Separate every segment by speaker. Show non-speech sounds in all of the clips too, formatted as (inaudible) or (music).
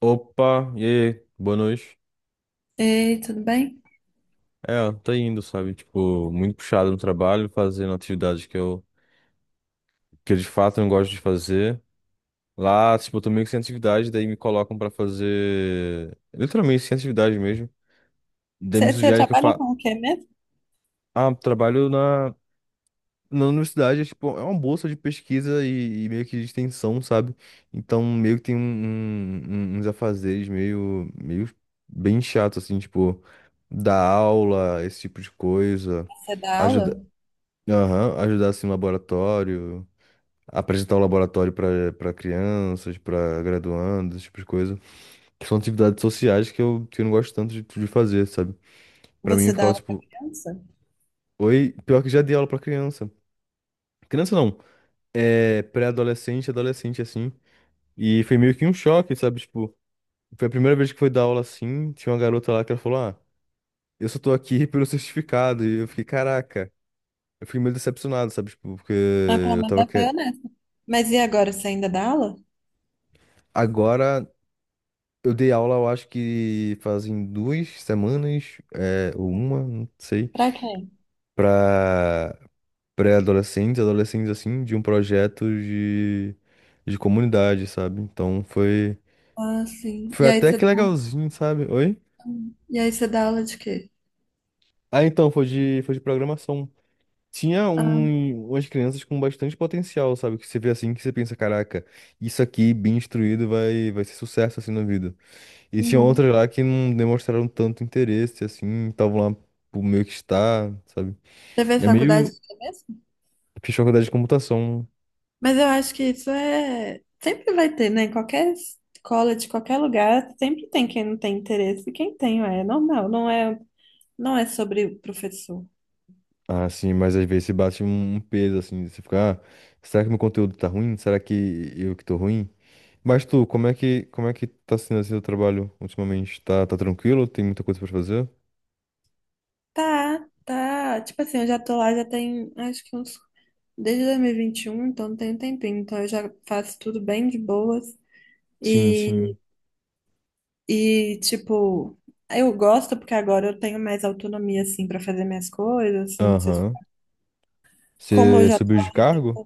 Speaker 1: Opa, e aí, boa noite.
Speaker 2: Ei, tudo bem?
Speaker 1: É, tá indo, sabe? Tipo, muito puxado no trabalho, fazendo atividades que eu de fato não gosto de fazer. Lá, tipo, eu tô meio que sem atividade, daí me colocam pra fazer. Literalmente sem atividade mesmo. Daí me
Speaker 2: Você
Speaker 1: sugerem que eu
Speaker 2: trabalha
Speaker 1: fa...
Speaker 2: com o quê mesmo?
Speaker 1: Ah, trabalho na. Na universidade, é, tipo, é uma bolsa de pesquisa e meio que de extensão, sabe? Então, meio que tem uns afazeres meio bem chato, assim, tipo, dar aula, esse tipo de coisa,
Speaker 2: Você dá
Speaker 1: ajudar,
Speaker 2: aula?
Speaker 1: aham, ajudar, assim, no laboratório, apresentar o laboratório para crianças, para graduandos, esse tipo de coisa. Que são atividades sociais que eu não gosto tanto de fazer, sabe? Pra mim, eu
Speaker 2: Você dá
Speaker 1: ficava,
Speaker 2: aula para
Speaker 1: tipo,
Speaker 2: criança?
Speaker 1: oi, pior que já dei aula pra criança. Criança não. É, pré-adolescente, adolescente, assim. E foi meio que um choque, sabe? Tipo, foi a primeira vez que foi dar aula assim. Tinha uma garota lá que ela falou: Ah, eu só tô aqui (laughs) pelo certificado. E eu fiquei, caraca. Eu fiquei meio decepcionado, sabe? Tipo, porque
Speaker 2: Ah, pelo
Speaker 1: eu
Speaker 2: menos
Speaker 1: tava
Speaker 2: ela foi
Speaker 1: querendo.
Speaker 2: honesta. Mas e agora, você ainda dá aula?
Speaker 1: Agora, eu dei aula, eu acho que fazem duas semanas, é, ou uma, não sei,
Speaker 2: Pra quem?
Speaker 1: pra pré-adolescentes, adolescentes, assim, de um projeto de comunidade, sabe? Então foi.
Speaker 2: Ah, sim.
Speaker 1: Foi até que legalzinho, sabe? Oi?
Speaker 2: E aí você dá aula de quê?
Speaker 1: Ah, então, foi de programação. Tinha
Speaker 2: Ah,
Speaker 1: umas crianças com bastante potencial, sabe? Que você vê assim, que você pensa, caraca, isso aqui, bem instruído, vai ser sucesso, assim, na vida. E tinha
Speaker 2: uhum.
Speaker 1: outras lá que não demonstraram tanto interesse, assim, estavam lá por meio que estar, sabe?
Speaker 2: Você fez
Speaker 1: É
Speaker 2: faculdade
Speaker 1: meio...
Speaker 2: de quê mesmo?
Speaker 1: Fiz faculdade de computação.
Speaker 2: Mas eu acho que isso é... Sempre vai ter, né? Em qualquer escola, de qualquer lugar, sempre tem quem não tem interesse e quem tem, é normal. Não é sobre o professor.
Speaker 1: Ah, sim, mas às vezes bate um peso, assim, você fica, ah, será que meu conteúdo tá ruim? Será que eu que tô ruim? Mas tu, como é que tá sendo assim o trabalho ultimamente? Tá, tá tranquilo? Tem muita coisa pra fazer?
Speaker 2: Tá, tá. Tipo assim, eu já tô lá, já tem, acho que uns. Desde dois mil e vinte e um, então tem um tempinho. Então eu já faço tudo bem de boas.
Speaker 1: Sim,
Speaker 2: E,
Speaker 1: sim.
Speaker 2: e tipo, eu gosto porque agora eu tenho mais autonomia, assim, pra fazer minhas coisas. Assim, não preciso...
Speaker 1: Aham.
Speaker 2: Como eu
Speaker 1: Você
Speaker 2: já.
Speaker 1: subiu de cargo?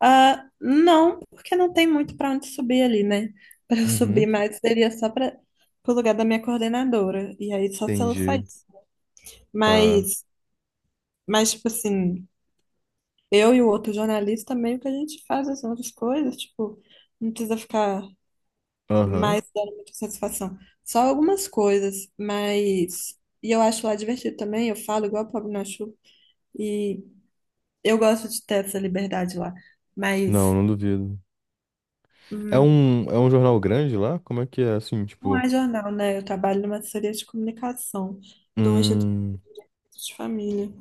Speaker 2: Ah, não, porque não tem muito pra onde subir ali, né? (laughs) Pra eu
Speaker 1: Uhum.
Speaker 2: subir mais seria só para pro lugar da minha coordenadora. E aí só se ela
Speaker 1: Entendi.
Speaker 2: saísse.
Speaker 1: Tá.
Speaker 2: Mas, mas tipo assim, eu e o outro jornalista, meio que a gente faz as outras coisas, tipo, não precisa ficar mais
Speaker 1: Aham.
Speaker 2: dando muita satisfação. Só algumas coisas, mas. E eu acho lá divertido também, eu falo igual o Pablo Nachu, e eu gosto de ter essa liberdade lá,
Speaker 1: Não,
Speaker 2: mas
Speaker 1: não duvido.
Speaker 2: hum,
Speaker 1: É um jornal grande lá? Como é que é? Assim,
Speaker 2: não
Speaker 1: tipo.
Speaker 2: é jornal, né? Eu trabalho numa assessoria de comunicação de um instituto
Speaker 1: Hum,
Speaker 2: de família.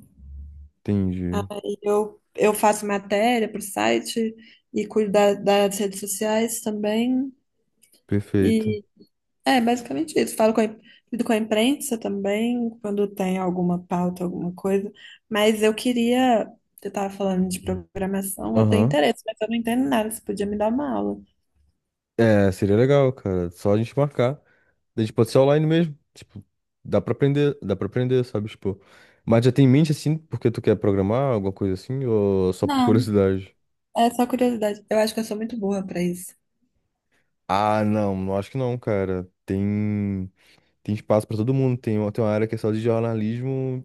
Speaker 1: entendi.
Speaker 2: Eu faço matéria para o site e cuido das redes sociais também.
Speaker 1: Perfeito.
Speaker 2: É, basicamente isso. Lido com a imprensa também, quando tem alguma pauta, alguma coisa. Mas eu queria. Você estava falando de programação, eu tenho
Speaker 1: Aham.
Speaker 2: interesse, mas eu não entendo nada. Você podia me dar uma aula?
Speaker 1: É, seria legal, cara. Só a gente marcar. A gente pode ser online mesmo. Tipo, dá pra aprender, sabe? Tipo. Mas já tem em mente assim, porque tu quer programar, alguma coisa assim, ou só por (laughs)
Speaker 2: Não,
Speaker 1: curiosidade?
Speaker 2: é só curiosidade. Eu acho que eu sou muito boa para isso.
Speaker 1: Ah, não, não acho que não, cara. Tem. Tem espaço para todo mundo. Tem uma área que é só de jornalismo.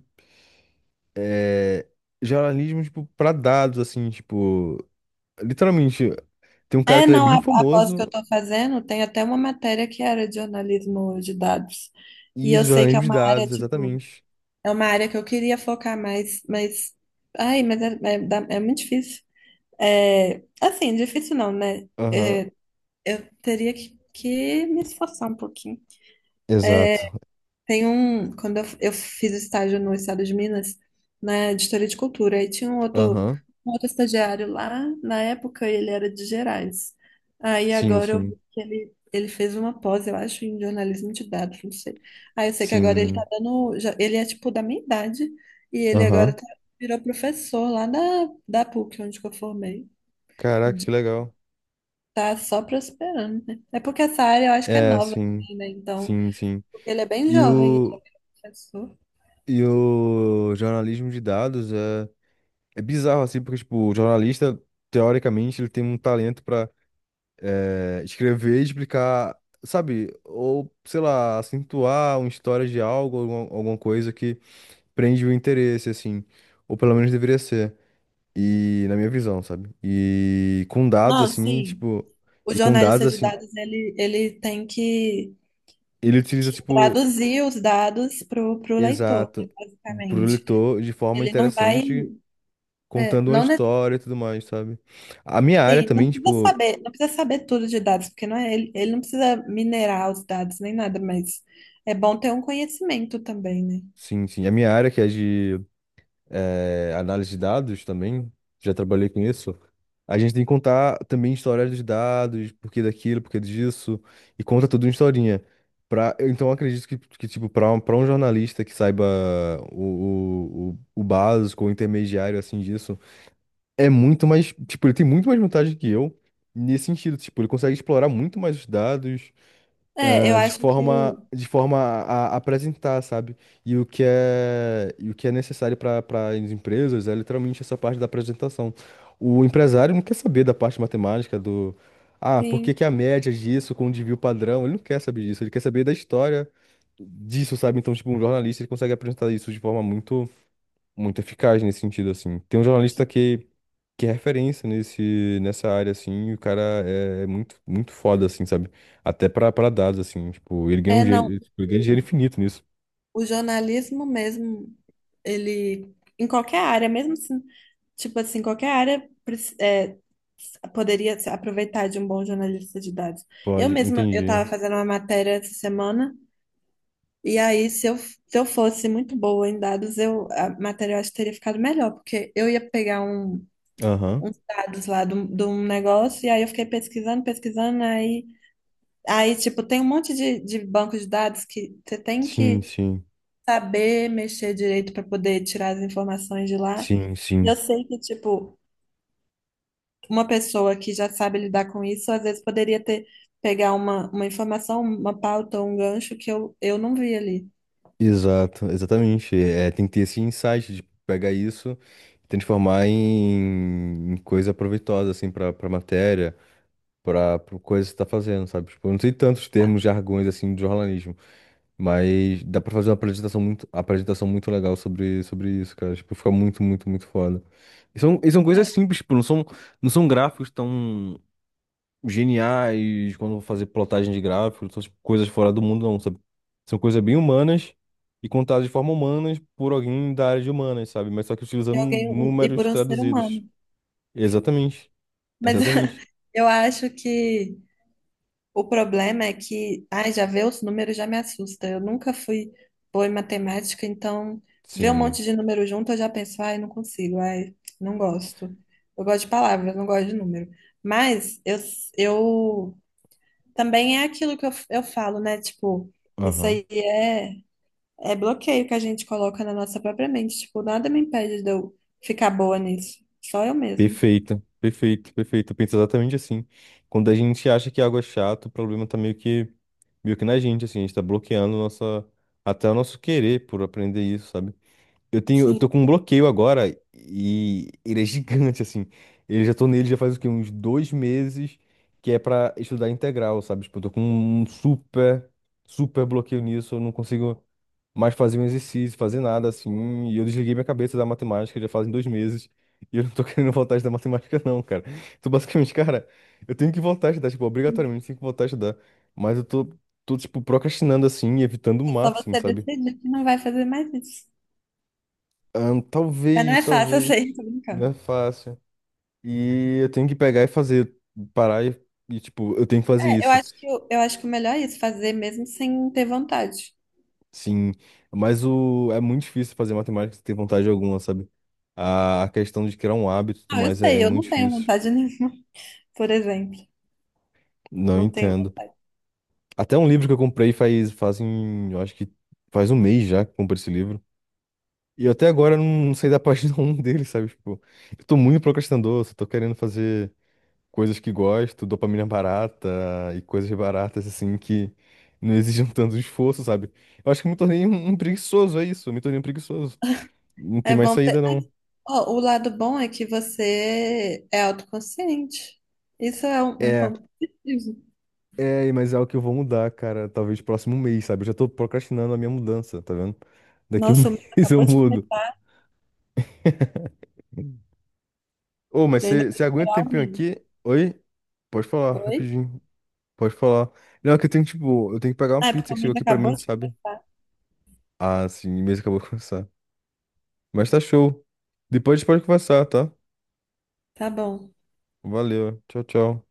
Speaker 1: É, jornalismo, tipo, para dados, assim, tipo. Literalmente, tem um cara
Speaker 2: É,
Speaker 1: que ele é
Speaker 2: não,
Speaker 1: bem
Speaker 2: a pós que
Speaker 1: famoso.
Speaker 2: eu estou fazendo tem até uma matéria que era de jornalismo de dados. E
Speaker 1: E isso,
Speaker 2: eu sei que é
Speaker 1: jornalismo de
Speaker 2: uma área,
Speaker 1: dados,
Speaker 2: tipo,
Speaker 1: exatamente.
Speaker 2: é uma área que eu queria focar mais, mas. Ai, mas é muito difícil. É, assim, difícil não, né?
Speaker 1: Aham.
Speaker 2: Eu teria que me esforçar um pouquinho.
Speaker 1: Exato.
Speaker 2: Tem um, quando eu fiz estágio no Estado de Minas, na editoria de cultura, aí tinha
Speaker 1: Aham.
Speaker 2: um outro estagiário lá, na época ele era de Gerais. Aí
Speaker 1: Sim,
Speaker 2: agora eu vi
Speaker 1: sim.
Speaker 2: que ele fez uma pós, eu acho, em jornalismo de dados, não sei. Aí eu sei que agora ele tá
Speaker 1: Sim.
Speaker 2: dando, já- ele é tipo da minha idade, e ele agora
Speaker 1: Aham.
Speaker 2: tá- virou professor lá da PUC, onde que eu formei.
Speaker 1: Caraca, que
Speaker 2: De-
Speaker 1: legal.
Speaker 2: Tá só prosperando, né? É porque essa área eu acho que é
Speaker 1: É,
Speaker 2: nova,
Speaker 1: sim.
Speaker 2: assim, né? Então,
Speaker 1: Sim, sim.
Speaker 2: ele é bem
Speaker 1: E
Speaker 2: jovem, ele é
Speaker 1: o,
Speaker 2: professor.
Speaker 1: e o jornalismo de dados é, é bizarro, assim, porque, tipo, o jornalista, teoricamente, ele tem um talento para é, escrever e explicar, sabe? Ou, sei lá, acentuar uma história de algo, alguma coisa que prende o interesse, assim. Ou pelo menos deveria ser. E na minha visão, sabe? E com dados,
Speaker 2: Não,
Speaker 1: assim,
Speaker 2: sim.
Speaker 1: tipo.
Speaker 2: O
Speaker 1: E com dados,
Speaker 2: jornalista de
Speaker 1: assim,
Speaker 2: dados, ele tem
Speaker 1: ele utiliza,
Speaker 2: que
Speaker 1: tipo,
Speaker 2: traduzir os dados para o leitor, né,
Speaker 1: exato, pro
Speaker 2: basicamente.
Speaker 1: leitor de forma
Speaker 2: Ele não vai,
Speaker 1: interessante, contando uma
Speaker 2: não, ne-
Speaker 1: história e tudo mais, sabe? A minha área
Speaker 2: sim, não
Speaker 1: também,
Speaker 2: precisa
Speaker 1: tipo.
Speaker 2: saber, não precisa saber tudo de dados, porque não é, ele não precisa minerar os dados nem nada, mas é bom ter um conhecimento também, né?
Speaker 1: Sim, sim. A minha área, que é de é, análise de dados também, já trabalhei com isso. A gente tem que contar também história dos dados, por que daquilo, por que disso, e conta tudo uma historinha. Pra, eu, então, eu acredito que tipo, para um jornalista que saiba o básico, o intermediário, assim, disso, é muito mais, tipo, ele tem muito mais vantagem que eu nesse sentido, tipo, ele consegue explorar muito mais os dados,
Speaker 2: É, eu
Speaker 1: ah,
Speaker 2: acho que
Speaker 1: de forma a apresentar, sabe? E o que é necessário para as empresas é literalmente essa parte da apresentação. O empresário não quer saber da parte matemática do, ah, por que
Speaker 2: sim.
Speaker 1: que a média disso com o desvio padrão? Ele não quer saber disso, ele quer saber da história disso, sabe? Então, tipo, um jornalista ele consegue apresentar isso de forma muito eficaz nesse sentido, assim. Tem um jornalista que é referência nessa área, assim, e o cara é, é muito, muito foda, assim, sabe? Até pra dados, assim, tipo, ele ganha um
Speaker 2: É, não.
Speaker 1: dinheiro, tipo, ele ganha dinheiro infinito nisso.
Speaker 2: O jornalismo mesmo, ele, em qualquer área, mesmo assim, tipo assim, qualquer área preci- é, poderia se aproveitar de um bom jornalista de dados. Eu
Speaker 1: Pode,
Speaker 2: mesma, eu
Speaker 1: entendi.
Speaker 2: estava fazendo uma matéria essa semana, e aí, se eu fosse muito boa em dados, eu, a matéria eu acho que teria ficado melhor, porque eu ia pegar um,
Speaker 1: Aham.
Speaker 2: uns dados lá de um negócio, e aí eu fiquei pesquisando, pesquisando, aí, aí tipo, tem um monte de banco de dados que você tem
Speaker 1: Sim,
Speaker 2: que
Speaker 1: sim.
Speaker 2: saber mexer direito para poder tirar as informações de lá.
Speaker 1: Sim,
Speaker 2: E
Speaker 1: sim.
Speaker 2: eu sei que, tipo, uma pessoa que já sabe lidar com isso, às vezes poderia ter pegar uma informação, uma pauta, um gancho que eu não vi ali.
Speaker 1: Exato, exatamente. É, tem que ter esse insight de pegar isso e transformar em coisa proveitosa, assim, pra matéria, pra coisa que você tá fazendo, sabe? Tipo, eu não sei tantos termos, jargões, assim, de jornalismo. Mas dá pra fazer uma apresentação muito legal sobre isso, cara. Tipo, fica muito, muito, muito foda. E são coisas simples, tipo, não são gráficos tão geniais quando eu vou fazer plotagem de gráficos, são tipo, coisas fora do mundo, não, sabe? São coisas bem humanas e contadas de forma humanas por alguém da área de humanas, sabe? Mas só que
Speaker 2: E
Speaker 1: utilizando
Speaker 2: alguém, um, e por
Speaker 1: números
Speaker 2: um ser
Speaker 1: traduzidos.
Speaker 2: humano.
Speaker 1: Exatamente,
Speaker 2: Mas
Speaker 1: exatamente.
Speaker 2: (laughs) eu acho que o problema é que, ai, já ver os números já me assusta. Eu nunca fui boa em matemática, então ver um
Speaker 1: Sim,
Speaker 2: monte de número junto eu já penso, ai, não consigo, ai, não gosto. Eu gosto de palavras, não gosto de número. Mas eu também é aquilo que eu falo, né? Tipo, isso
Speaker 1: aham.
Speaker 2: aí é, é bloqueio que a gente coloca na nossa própria mente. Tipo, nada me impede de eu ficar boa nisso. Só eu mesmo.
Speaker 1: Perfeito, perfeito, perfeito. Eu penso exatamente assim. Quando a gente acha que algo é chato, o problema tá meio que na gente, assim, a gente tá bloqueando nossa, até o nosso querer por aprender isso, sabe? Eu
Speaker 2: Sim,
Speaker 1: tô com um bloqueio agora e ele é gigante, assim. Eu já tô nele já faz o quê? Uns dois meses, que é pra estudar integral, sabe? Tipo, eu tô com um super bloqueio nisso. Eu não consigo mais fazer um exercício, fazer nada, assim. E eu desliguei minha cabeça da matemática já fazem dois meses. E eu não tô (laughs) querendo voltar a estudar matemática, não, cara. Então, basicamente, cara, eu tenho que voltar a estudar, tipo, obrigatoriamente tenho que voltar a estudar. Mas tô tipo, procrastinando, assim, e evitando o
Speaker 2: é só
Speaker 1: máximo,
Speaker 2: você
Speaker 1: sabe?
Speaker 2: decidir que não vai fazer mais isso.
Speaker 1: Ah,
Speaker 2: Mas não
Speaker 1: talvez,
Speaker 2: é fácil, eu
Speaker 1: talvez.
Speaker 2: sei, tô
Speaker 1: Não
Speaker 2: brincando.
Speaker 1: é fácil. E eu tenho que pegar e fazer, parar e, tipo, eu tenho que fazer
Speaker 2: É, eu
Speaker 1: isso.
Speaker 2: acho que eu acho que o melhor é isso, fazer mesmo sem ter vontade.
Speaker 1: Sim, mas o é muito difícil fazer matemática sem ter vontade alguma, sabe? A questão de criar um hábito e tudo
Speaker 2: Não, eu
Speaker 1: mais é
Speaker 2: sei, eu
Speaker 1: muito
Speaker 2: não tenho
Speaker 1: difícil.
Speaker 2: vontade (laughs) nenhuma, por exemplo.
Speaker 1: Não
Speaker 2: Não tenho.
Speaker 1: entendo. Até um livro que eu comprei faz, fazem, eu acho que faz um mês já que eu comprei esse livro. E eu até agora não saí da página (laughs) um dele, sabe? Tipo, eu tô muito procrastinador, só tô querendo fazer. Coisas que gosto, dopamina barata e coisas baratas assim que não exigem tanto esforço, sabe? Eu acho que eu me tornei um preguiçoso, é isso, eu me tornei um preguiçoso. Não tem
Speaker 2: É
Speaker 1: mais
Speaker 2: bom ter.
Speaker 1: saída, não.
Speaker 2: Ó, o lado bom é que você é autoconsciente. Isso é um
Speaker 1: É,
Speaker 2: ponto positivo.
Speaker 1: é, mas é algo que eu vou mudar, cara, talvez próximo mês, sabe? Eu já tô procrastinando a minha mudança, tá vendo? Daqui a um
Speaker 2: Nossa, o mês
Speaker 1: (laughs) mês eu
Speaker 2: acabou de
Speaker 1: mudo.
Speaker 2: começar.
Speaker 1: Ô, mas
Speaker 2: Você
Speaker 1: você
Speaker 2: ainda vai
Speaker 1: você aguenta um
Speaker 2: esperar o
Speaker 1: tempinho
Speaker 2: mês.
Speaker 1: aqui? Oi? Pode falar,
Speaker 2: Oi?
Speaker 1: rapidinho. Pode falar. Não, é que eu tenho, tipo, eu tenho que pegar uma
Speaker 2: Ah, é porque
Speaker 1: pizza
Speaker 2: o
Speaker 1: que chegou
Speaker 2: mês
Speaker 1: aqui pra
Speaker 2: acabou
Speaker 1: mim,
Speaker 2: de
Speaker 1: sabe?
Speaker 2: começar.
Speaker 1: Ah, sim, mesmo acabou de começar. Mas tá show. Depois a gente pode conversar, tá?
Speaker 2: Tá bom.
Speaker 1: Valeu. Tchau, tchau.